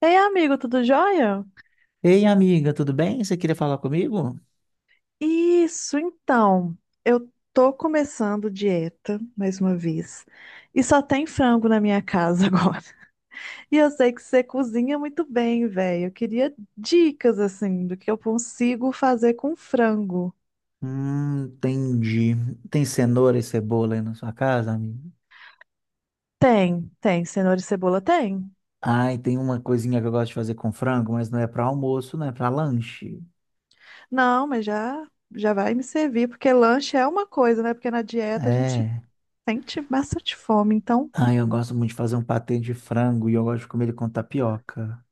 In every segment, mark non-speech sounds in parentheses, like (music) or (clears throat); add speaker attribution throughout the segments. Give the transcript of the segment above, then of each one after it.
Speaker 1: Ei, amigo, tudo jóia?
Speaker 2: Ei, amiga, tudo bem? Você queria falar comigo?
Speaker 1: Isso, então. Eu tô começando dieta, mais uma vez, e só tem frango na minha casa agora. (laughs) E eu sei que você cozinha muito bem, velho. Eu queria dicas, assim, do que eu consigo fazer com frango.
Speaker 2: Entendi. Tem cenoura e cebola aí na sua casa, amiga?
Speaker 1: Tem, tem. Cenoura e cebola tem?
Speaker 2: Ai, tem uma coisinha que eu gosto de fazer com frango, mas não é para almoço, não é para lanche.
Speaker 1: Não, mas já vai me servir, porque lanche é uma coisa, né? Porque na dieta a gente
Speaker 2: É.
Speaker 1: sente bastante fome, então.
Speaker 2: Ai, eu gosto muito de fazer um patê de frango e eu gosto de comer ele com tapioca.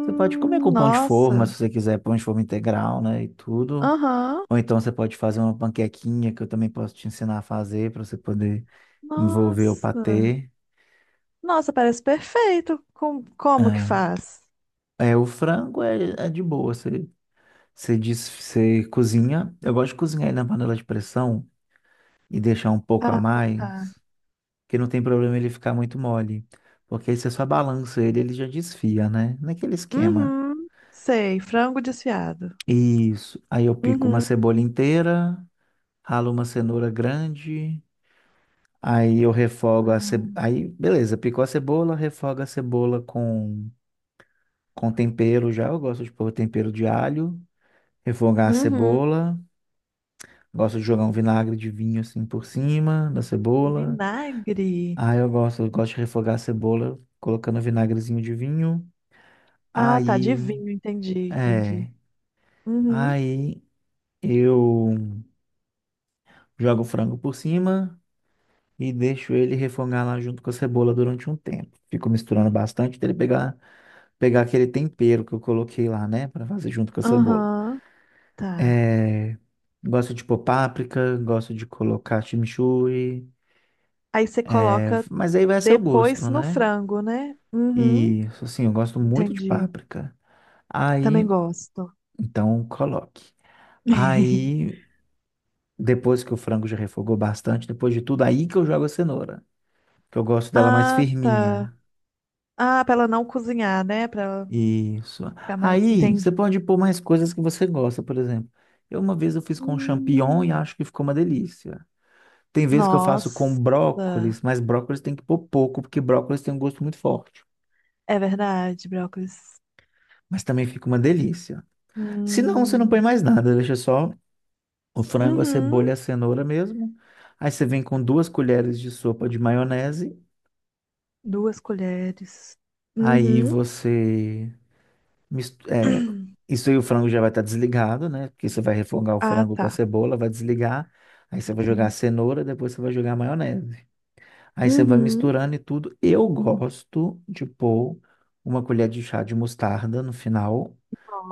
Speaker 2: Você pode comer com pão de forma,
Speaker 1: Nossa.
Speaker 2: se você quiser, pão de forma integral, né, e tudo.
Speaker 1: Aham.
Speaker 2: Ou então você pode fazer uma panquequinha que eu também posso te ensinar a fazer para você poder envolver o
Speaker 1: Nossa.
Speaker 2: patê.
Speaker 1: Nossa, parece perfeito. Como que
Speaker 2: É.
Speaker 1: faz?
Speaker 2: É, o frango é de boa. Você diz, você cozinha. Eu gosto de cozinhar ele na panela de pressão e deixar um pouco a
Speaker 1: Ah,
Speaker 2: mais,
Speaker 1: tá.
Speaker 2: que não tem problema ele ficar muito mole. Porque aí você só balança ele, ele já desfia, né? Naquele esquema.
Speaker 1: Uhum. Sei, frango desfiado.
Speaker 2: Isso. Aí eu pico uma
Speaker 1: Uhum.
Speaker 2: cebola inteira, ralo uma cenoura grande, aí eu refogo a cebola. Aí, beleza, picou a cebola, refoga a cebola com tempero já. Eu gosto de pôr tempero de alho, refogar a
Speaker 1: Uhum.
Speaker 2: cebola. Gosto de jogar um vinagre de vinho assim por cima da cebola.
Speaker 1: Vinagre.
Speaker 2: Aí eu gosto de refogar a cebola colocando vinagrezinho de vinho.
Speaker 1: Ah, tá, de
Speaker 2: Aí,
Speaker 1: vinho,
Speaker 2: é,
Speaker 1: entendi. Uhum.
Speaker 2: aí eu jogo o frango por cima e deixo ele refogar lá junto com a cebola durante um tempo. Fico misturando bastante até ele pegar aquele tempero que eu coloquei lá, né, para fazer junto com a cebola.
Speaker 1: Aham, tá.
Speaker 2: É, gosto de pôr páprica, gosto de colocar chimichurri,
Speaker 1: Aí você
Speaker 2: é,
Speaker 1: coloca
Speaker 2: mas aí vai a seu
Speaker 1: depois
Speaker 2: gosto,
Speaker 1: no
Speaker 2: né?
Speaker 1: frango, né? Uhum.
Speaker 2: E assim, eu gosto muito de
Speaker 1: Entendi.
Speaker 2: páprica.
Speaker 1: Também
Speaker 2: Aí,
Speaker 1: gosto.
Speaker 2: então, coloque.
Speaker 1: (laughs)
Speaker 2: Aí, depois que o frango já refogou bastante, depois de tudo, aí que eu jogo a cenoura. Que eu gosto dela mais
Speaker 1: Ah, tá.
Speaker 2: firminha.
Speaker 1: Ah, pra ela não cozinhar, né? Pra ela
Speaker 2: Isso.
Speaker 1: ficar mais.
Speaker 2: Aí, você
Speaker 1: Entendi.
Speaker 2: pode pôr mais coisas que você gosta, por exemplo. Eu uma vez eu fiz com champignon e
Speaker 1: Hum,
Speaker 2: acho que ficou uma delícia. Tem vezes que eu faço com
Speaker 1: Nossa,
Speaker 2: brócolis, mas brócolis tem que pôr pouco, porque brócolis tem um gosto muito forte.
Speaker 1: é verdade, brócolis.
Speaker 2: Mas também fica uma delícia. Se não, você não põe
Speaker 1: Hum.
Speaker 2: mais nada, deixa só o frango, a
Speaker 1: Uhum.
Speaker 2: cebola e a cenoura mesmo. Aí você vem com duas colheres de sopa de maionese.
Speaker 1: Duas colheres.
Speaker 2: Aí
Speaker 1: Uhum.
Speaker 2: você mis- é,
Speaker 1: (clears throat)
Speaker 2: isso aí o frango já vai estar desligado, né? Porque você vai refogar o
Speaker 1: Ah,
Speaker 2: frango com a
Speaker 1: tá.
Speaker 2: cebola, vai desligar. Aí você vai jogar a
Speaker 1: Entendi.
Speaker 2: cenoura, depois você vai jogar a maionese. Aí você vai
Speaker 1: Uhum.
Speaker 2: misturando e tudo. Eu gosto de pôr uma colher de chá de mostarda no final,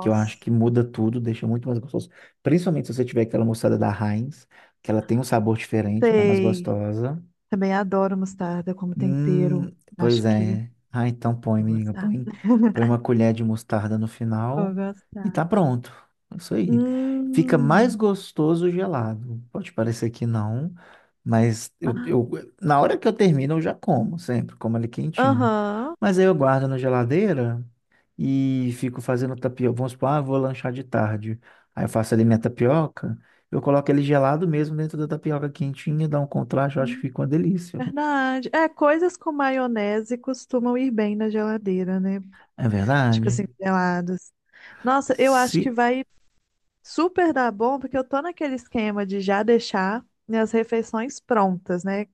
Speaker 2: que eu acho que muda tudo, deixa muito mais gostoso. Principalmente se você tiver aquela mostarda da Heinz, que ela tem um sabor diferente, ela é mais
Speaker 1: Sei.
Speaker 2: gostosa.
Speaker 1: Também adoro mostarda como tempero. Acho
Speaker 2: Pois
Speaker 1: que
Speaker 2: é. Ah, então põe,
Speaker 1: vou
Speaker 2: amiga.
Speaker 1: gostar.
Speaker 2: Põe uma
Speaker 1: (laughs)
Speaker 2: colher de mostarda no
Speaker 1: Vou
Speaker 2: final e
Speaker 1: gostar.
Speaker 2: tá pronto. É isso aí. Fica mais
Speaker 1: Hum.
Speaker 2: gostoso gelado. Pode parecer que não, mas na hora que eu termino, eu já como sempre, como ele quentinho.
Speaker 1: Aham.
Speaker 2: Mas aí eu guardo na geladeira e fico fazendo tapioca. Vamos supor, ah, vou lanchar de tarde. Aí eu faço ali minha tapioca. Eu coloco ele gelado mesmo dentro da tapioca quentinha, dá um contraste, eu acho que
Speaker 1: Hum,
Speaker 2: fica uma delícia.
Speaker 1: verdade. É, coisas com maionese costumam ir bem na geladeira, né?
Speaker 2: É
Speaker 1: Tipo
Speaker 2: verdade?
Speaker 1: assim, gelados. Nossa, eu acho que
Speaker 2: Se
Speaker 1: vai super dá bom, porque eu tô naquele esquema de já deixar minhas refeições prontas, né?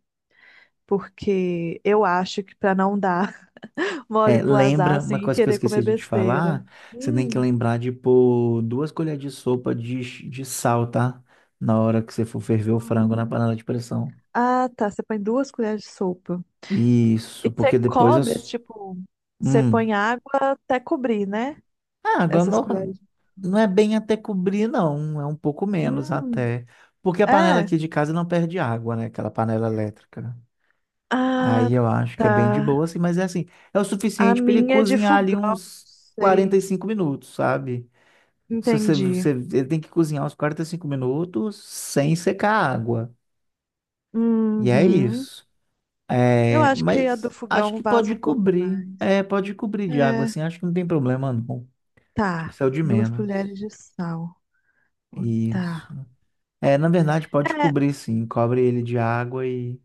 Speaker 1: Porque eu acho que pra não dar (laughs) mole
Speaker 2: é,
Speaker 1: pro azar,
Speaker 2: Lembra
Speaker 1: assim,
Speaker 2: uma
Speaker 1: e
Speaker 2: coisa que eu
Speaker 1: querer comer
Speaker 2: esqueci de te
Speaker 1: besteira.
Speaker 2: falar, você tem que
Speaker 1: Hum.
Speaker 2: lembrar de pôr duas colheres de sopa de sal, tá? Na hora que você for ferver o frango na panela de pressão.
Speaker 1: Ah, tá. Você põe duas colheres de sopa. E
Speaker 2: Isso,
Speaker 1: você
Speaker 2: porque depois eu.
Speaker 1: cobre,
Speaker 2: S-
Speaker 1: tipo, você
Speaker 2: Hum.
Speaker 1: põe água até cobrir, né?
Speaker 2: Ah, agora
Speaker 1: Essas
Speaker 2: não,
Speaker 1: colheres.
Speaker 2: não é bem até cobrir, não. É um pouco menos
Speaker 1: Hum,
Speaker 2: até. Porque a panela
Speaker 1: é.
Speaker 2: aqui de casa não perde água, né? Aquela panela elétrica.
Speaker 1: Ah,
Speaker 2: Aí eu acho que é
Speaker 1: tá.
Speaker 2: bem de boa, assim, mas é assim, é o
Speaker 1: A
Speaker 2: suficiente para ele
Speaker 1: minha é de
Speaker 2: cozinhar ali
Speaker 1: fogão, não
Speaker 2: uns quarenta
Speaker 1: sei.
Speaker 2: e cinco minutos, sabe? Se
Speaker 1: Entendi.
Speaker 2: ele tem que cozinhar uns 45 minutos sem secar a água. E é
Speaker 1: Uhum.
Speaker 2: isso.
Speaker 1: Eu
Speaker 2: É,
Speaker 1: acho que a do
Speaker 2: mas acho
Speaker 1: fogão
Speaker 2: que
Speaker 1: vaza
Speaker 2: pode
Speaker 1: um pouco
Speaker 2: cobrir.
Speaker 1: mais.
Speaker 2: É, pode cobrir de água,
Speaker 1: É,
Speaker 2: assim. Acho que não tem problema, não. Acho que
Speaker 1: tá.
Speaker 2: isso é o de
Speaker 1: Duas
Speaker 2: menos.
Speaker 1: colheres de sal. Oh,
Speaker 2: Isso.
Speaker 1: tá.
Speaker 2: É, na verdade, pode
Speaker 1: É,
Speaker 2: cobrir, sim. Cobre ele de água e,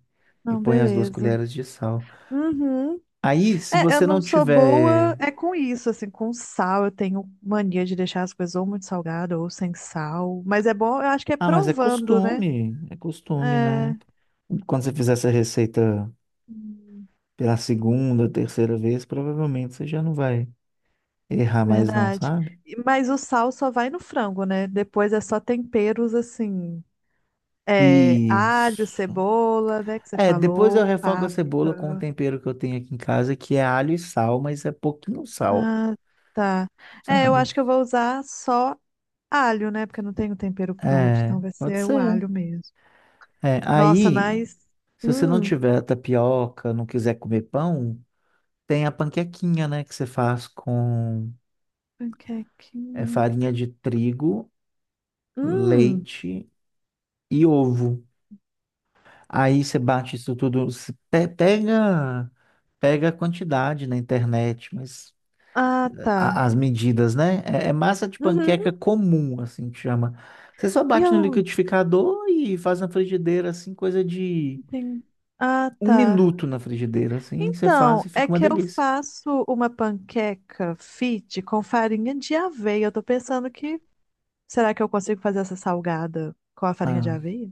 Speaker 2: e
Speaker 1: não,
Speaker 2: põe as duas
Speaker 1: beleza.
Speaker 2: colheres de sal.
Speaker 1: Uhum.
Speaker 2: Aí, se
Speaker 1: É, eu
Speaker 2: você não
Speaker 1: não sou boa
Speaker 2: tiver.
Speaker 1: é com isso, assim, com sal. Eu tenho mania de deixar as coisas ou muito salgada ou sem sal. Mas é bom, eu acho que é
Speaker 2: Ah, mas é
Speaker 1: provando, né?
Speaker 2: costume. É costume,
Speaker 1: É,
Speaker 2: né? Quando você fizer essa receita
Speaker 1: hum,
Speaker 2: pela segunda, terceira vez, provavelmente você já não vai errar mais não,
Speaker 1: verdade.
Speaker 2: sabe?
Speaker 1: E- mas o sal só vai no frango, né? Depois é só temperos assim. É, alho,
Speaker 2: Isso.
Speaker 1: cebola, né? Que você
Speaker 2: É, depois eu
Speaker 1: falou,
Speaker 2: refogo a cebola com o tempero que eu tenho aqui em casa, que é alho e sal, mas é pouquinho sal,
Speaker 1: ah, tá. É, eu
Speaker 2: sabe?
Speaker 1: acho que eu vou usar só alho, né? Porque eu não tenho tempero pronto,
Speaker 2: É,
Speaker 1: então vai
Speaker 2: pode
Speaker 1: ser o
Speaker 2: ser.
Speaker 1: alho mesmo.
Speaker 2: É,
Speaker 1: Nossa,
Speaker 2: aí,
Speaker 1: mas.
Speaker 2: se você não
Speaker 1: Hum,
Speaker 2: tiver tapioca, não quiser comer pão, tem a panquequinha, né, que você faz com é,
Speaker 1: panquequinha.
Speaker 2: farinha de trigo,
Speaker 1: Hum,
Speaker 2: leite e ovo. Aí você bate isso tudo, se pe- pega, pega a quantidade na internet, mas
Speaker 1: ah, tá.
Speaker 2: as medidas, né? É, é massa de
Speaker 1: Uhum.
Speaker 2: panqueca comum, assim que chama. Você só
Speaker 1: E
Speaker 2: bate no
Speaker 1: eu
Speaker 2: liquidificador e faz na frigideira, assim, coisa de
Speaker 1: não tenho. Ah,
Speaker 2: um
Speaker 1: tá.
Speaker 2: minuto na frigideira, assim, você faz e
Speaker 1: Então, é
Speaker 2: fica uma
Speaker 1: que eu
Speaker 2: delícia.
Speaker 1: faço uma panqueca fit com farinha de aveia. Eu tô pensando que. Será que eu consigo fazer essa salgada com a farinha de
Speaker 2: Ah,
Speaker 1: aveia?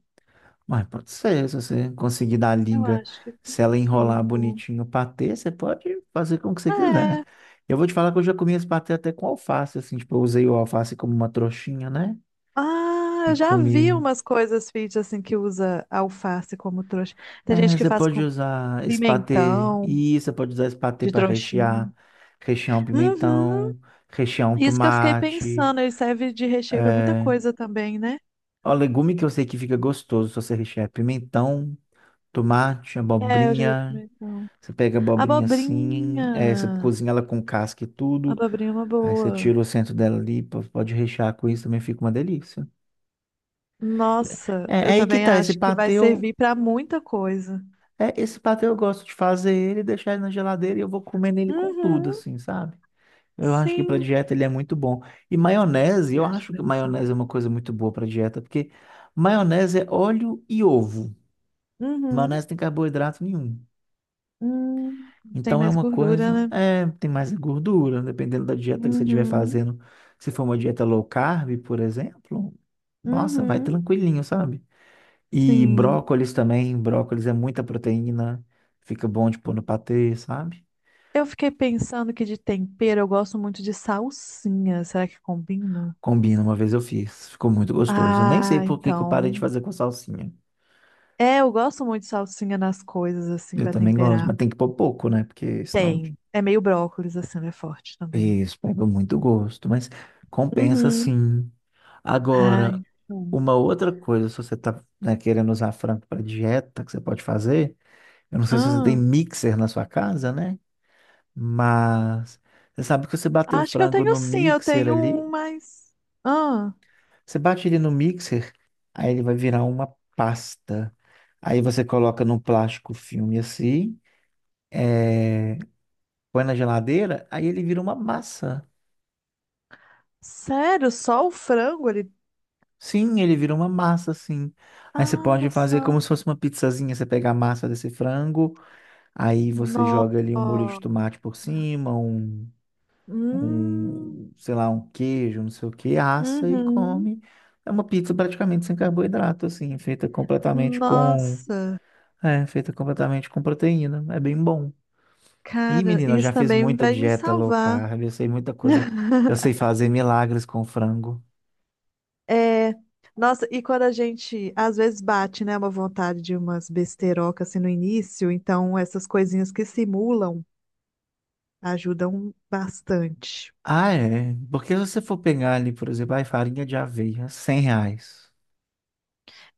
Speaker 2: mas pode ser, se você conseguir dar a
Speaker 1: Eu
Speaker 2: liga,
Speaker 1: acho que
Speaker 2: se ela enrolar
Speaker 1: consigo.
Speaker 2: bonitinho o patê, você pode fazer como que você quiser.
Speaker 1: É.
Speaker 2: Eu vou te falar que eu já comi esse patê até com alface, assim, tipo, eu usei o alface como uma trouxinha, né?
Speaker 1: Ah,
Speaker 2: E
Speaker 1: eu já vi
Speaker 2: comi.
Speaker 1: umas coisas fit assim que usa alface como trouxa. Tem
Speaker 2: É,
Speaker 1: gente que
Speaker 2: você
Speaker 1: faz
Speaker 2: pode
Speaker 1: com
Speaker 2: usar esse patê,
Speaker 1: pimentão
Speaker 2: e você pode usar esse patê
Speaker 1: de
Speaker 2: para
Speaker 1: trouxinha.
Speaker 2: rechear, rechear um
Speaker 1: Uhum,
Speaker 2: pimentão, rechear um
Speaker 1: isso que eu fiquei
Speaker 2: tomate.
Speaker 1: pensando, ele serve de recheio pra muita
Speaker 2: É...
Speaker 1: coisa também, né?
Speaker 2: Ó, legume que eu sei que fica gostoso se você rechear é pimentão, tomate,
Speaker 1: É, eu já vi
Speaker 2: abobrinha.
Speaker 1: pimentão.
Speaker 2: Você pega a abobrinha assim, é, você
Speaker 1: Abobrinha.
Speaker 2: cozinha ela com casca e tudo.
Speaker 1: Abobrinha é uma
Speaker 2: Aí você
Speaker 1: boa.
Speaker 2: tira o centro dela ali, pode rechear com isso, também fica uma delícia.
Speaker 1: Nossa,
Speaker 2: É, é
Speaker 1: eu
Speaker 2: aí que
Speaker 1: também
Speaker 2: tá,
Speaker 1: acho que vai servir pra muita coisa.
Speaker 2: esse patê eu gosto de fazer ele, deixar ele na geladeira e eu vou comendo ele com tudo,
Speaker 1: Uhum,
Speaker 2: assim, sabe? Eu acho que para
Speaker 1: sim.
Speaker 2: dieta ele é muito bom. E maionese, eu
Speaker 1: Eu acho que
Speaker 2: acho
Speaker 1: vai
Speaker 2: que
Speaker 1: no sal.
Speaker 2: maionese é uma coisa muito boa para dieta, porque maionese é óleo e ovo.
Speaker 1: Uhum.
Speaker 2: Maionese não tem carboidrato nenhum.
Speaker 1: Hum, tem
Speaker 2: Então é
Speaker 1: mais
Speaker 2: uma
Speaker 1: gordura,
Speaker 2: coisa,
Speaker 1: né?
Speaker 2: é, tem mais gordura, dependendo da dieta que você estiver
Speaker 1: Uhum.
Speaker 2: fazendo. Se for uma dieta low carb, por exemplo, nossa, vai
Speaker 1: Uhum,
Speaker 2: tranquilinho, sabe? E
Speaker 1: sim.
Speaker 2: brócolis também, brócolis é muita proteína, fica bom de pôr no patê, sabe?
Speaker 1: Eu fiquei pensando que de tempero eu gosto muito de salsinha. Será que combina?
Speaker 2: Combina, uma vez eu fiz, ficou muito gostoso. Eu nem sei
Speaker 1: Ah,
Speaker 2: por que que eu parei de
Speaker 1: então.
Speaker 2: fazer com salsinha.
Speaker 1: É, eu gosto muito de salsinha nas coisas, assim,
Speaker 2: Eu
Speaker 1: pra
Speaker 2: também gosto,
Speaker 1: temperar.
Speaker 2: mas tem que pôr pouco, né? Porque senão
Speaker 1: Tem. É meio brócolis, assim, ela é forte também.
Speaker 2: isso, pega muito gosto, mas compensa
Speaker 1: Uhum.
Speaker 2: sim. Agora,
Speaker 1: Ai, bom.
Speaker 2: uma outra coisa, se você tá, né, querendo usar frango para dieta, que você pode fazer, eu não sei se você tem
Speaker 1: Ah,
Speaker 2: mixer na sua casa, né? Mas você sabe que você bater o
Speaker 1: acho que eu
Speaker 2: frango
Speaker 1: tenho
Speaker 2: no
Speaker 1: sim, eu
Speaker 2: mixer
Speaker 1: tenho
Speaker 2: ali,
Speaker 1: um, mas. Ah,
Speaker 2: você bate ele no mixer, aí ele vai virar uma pasta. Aí você coloca num plástico filme assim, eh, põe na geladeira, aí ele vira uma massa.
Speaker 1: sério? Só o frango ali?
Speaker 2: Sim, ele vira uma massa, assim. Aí você
Speaker 1: Ah,
Speaker 2: pode
Speaker 1: olha
Speaker 2: fazer
Speaker 1: só.
Speaker 2: como se fosse uma pizzazinha. Você pega a massa desse frango, aí você joga ali um molho de
Speaker 1: Nossa.
Speaker 2: tomate por cima, um,
Speaker 1: Hum,
Speaker 2: um, sei lá, um queijo, não sei o que, assa e
Speaker 1: uhum.
Speaker 2: come. É uma pizza praticamente sem carboidrato, assim, feita completamente com,
Speaker 1: Nossa,
Speaker 2: é, feita completamente com proteína. É bem bom. Ih,
Speaker 1: cara,
Speaker 2: menina, eu
Speaker 1: isso
Speaker 2: já fiz
Speaker 1: também
Speaker 2: muita
Speaker 1: vai me
Speaker 2: dieta low
Speaker 1: salvar.
Speaker 2: carb, eu sei muita coisa. Eu sei
Speaker 1: (laughs)
Speaker 2: fazer milagres com frango.
Speaker 1: É, nossa, e quando a gente às vezes bate, né, uma vontade de umas besterocas assim no início, então essas coisinhas que simulam ajudam bastante.
Speaker 2: Ah, é. Porque se você for pegar ali, por exemplo, ai, farinha de aveia, R$ 100.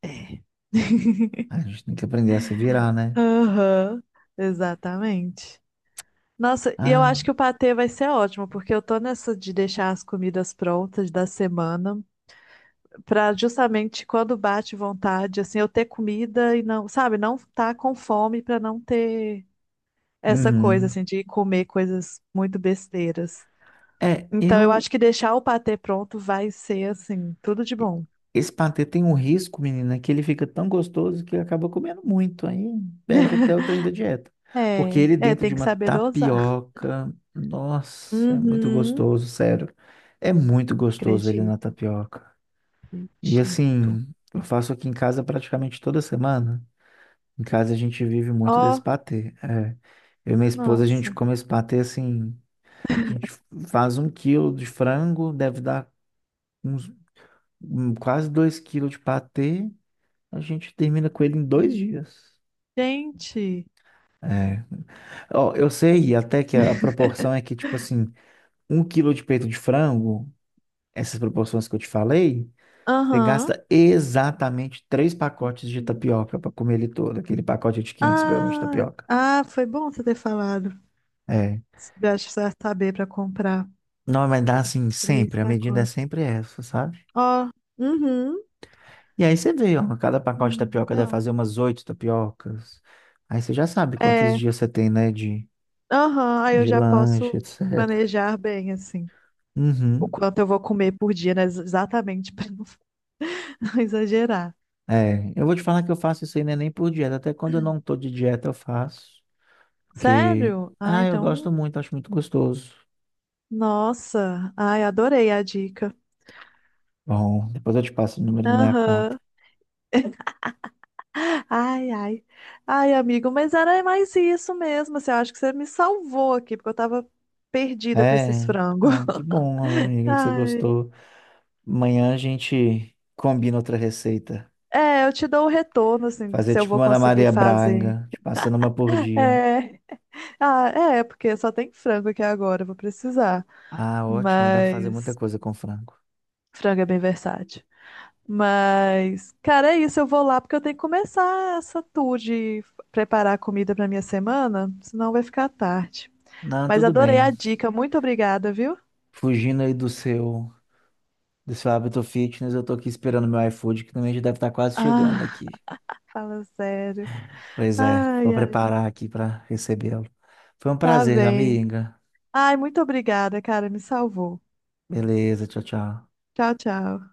Speaker 1: É. (laughs)
Speaker 2: A gente tem que aprender a se virar, né?
Speaker 1: Aham, exatamente. Nossa, e eu
Speaker 2: Ah,
Speaker 1: acho que o patê vai ser ótimo, porque eu tô nessa de deixar as comidas prontas da semana. Pra justamente quando bate vontade, assim, eu ter comida e não, sabe, não tá com fome pra não ter essa coisa,
Speaker 2: uhum.
Speaker 1: assim, de comer coisas muito besteiras.
Speaker 2: É,
Speaker 1: Então, eu
Speaker 2: eu.
Speaker 1: acho que deixar o patê pronto vai ser, assim, tudo de bom.
Speaker 2: Esse patê tem um risco, menina, que ele fica tão gostoso que acaba comendo muito. Aí perde
Speaker 1: (laughs)
Speaker 2: até o trem da dieta. Porque
Speaker 1: É,
Speaker 2: ele
Speaker 1: é,
Speaker 2: dentro de
Speaker 1: tem que
Speaker 2: uma
Speaker 1: saber dosar.
Speaker 2: tapioca. Nossa, é muito
Speaker 1: Uhum,
Speaker 2: gostoso, sério. É muito gostoso ele na
Speaker 1: acredito,
Speaker 2: tapioca. E
Speaker 1: acredito.
Speaker 2: assim, eu faço aqui em casa praticamente toda semana. Em casa a gente vive muito desse
Speaker 1: Ó,
Speaker 2: patê. É. Eu e minha esposa, a gente
Speaker 1: nossa.
Speaker 2: come esse patê assim. A gente faz 1 quilo de frango, deve dar uns quase 2 quilos de patê. A gente termina com ele em 2 dias.
Speaker 1: Gente,
Speaker 2: É. Ó, eu sei até que a proporção é que, tipo assim, 1 quilo de peito de frango, essas proporções que eu te falei, você
Speaker 1: aham.
Speaker 2: gasta exatamente três pacotes de tapioca para comer ele todo, aquele pacote de 500 gramas de
Speaker 1: Ah,
Speaker 2: tapioca.
Speaker 1: ah, foi bom você ter falado.
Speaker 2: É.
Speaker 1: Acho que você vai saber pra comprar.
Speaker 2: Não vai dar assim
Speaker 1: Três
Speaker 2: sempre, a medida é
Speaker 1: pacotes.
Speaker 2: sempre essa, sabe?
Speaker 1: Ó, uhum.
Speaker 2: E aí você vê, ó, cada pacote de tapioca deve
Speaker 1: Legal.
Speaker 2: fazer umas oito tapiocas. Aí você já sabe quantos
Speaker 1: É,
Speaker 2: dias você tem, né, de,
Speaker 1: aham, aí eu
Speaker 2: de
Speaker 1: já
Speaker 2: lanche,
Speaker 1: posso
Speaker 2: etc.
Speaker 1: planejar bem, assim, o
Speaker 2: Uhum.
Speaker 1: quanto eu vou comer por dia, né? Exatamente, (laughs) para não exagerar.
Speaker 2: É, eu vou te falar que eu faço isso aí não é nem por dieta, até quando eu não tô de dieta eu faço, porque,
Speaker 1: Sério? Ah,
Speaker 2: ah, eu
Speaker 1: então,
Speaker 2: gosto muito, acho muito gostoso.
Speaker 1: nossa, ai, adorei a dica.
Speaker 2: Bom, depois eu te passo o número da minha conta.
Speaker 1: Aham. Ai, ai. Ai, amigo, mas era mais isso mesmo, assim, eu acho que você me salvou aqui, porque eu tava perdida com esses
Speaker 2: É,
Speaker 1: frangos.
Speaker 2: ah, que bom,
Speaker 1: (laughs)
Speaker 2: amigo, que você
Speaker 1: Ai.
Speaker 2: gostou. Amanhã a gente combina outra receita.
Speaker 1: É, eu te dou o retorno, assim,
Speaker 2: Fazer
Speaker 1: se eu
Speaker 2: tipo
Speaker 1: vou
Speaker 2: uma Ana
Speaker 1: conseguir
Speaker 2: Maria
Speaker 1: fazer.
Speaker 2: Braga, te passando uma por dia.
Speaker 1: É. Ah, é, porque só tem frango aqui agora, eu vou precisar.
Speaker 2: Ah, ótimo, dá pra fazer muita
Speaker 1: Mas
Speaker 2: coisa com frango.
Speaker 1: frango é bem versátil. Mas, cara, é isso, eu vou lá porque eu tenho que começar essa tour de preparar comida pra minha semana, senão vai ficar tarde.
Speaker 2: Não,
Speaker 1: Mas
Speaker 2: tudo
Speaker 1: adorei
Speaker 2: bem.
Speaker 1: a dica, muito obrigada, viu?
Speaker 2: Fugindo aí do seu hábito fitness, eu tô aqui esperando meu iFood, que também já deve estar quase chegando
Speaker 1: Ah,
Speaker 2: aqui.
Speaker 1: fala sério.
Speaker 2: Pois é, vou
Speaker 1: Ai, ai,
Speaker 2: preparar aqui pra recebê-lo. Foi um
Speaker 1: tá
Speaker 2: prazer,
Speaker 1: bem.
Speaker 2: amiga.
Speaker 1: Ai, muito obrigada, cara, me salvou.
Speaker 2: Beleza, tchau, tchau.
Speaker 1: Tchau, tchau.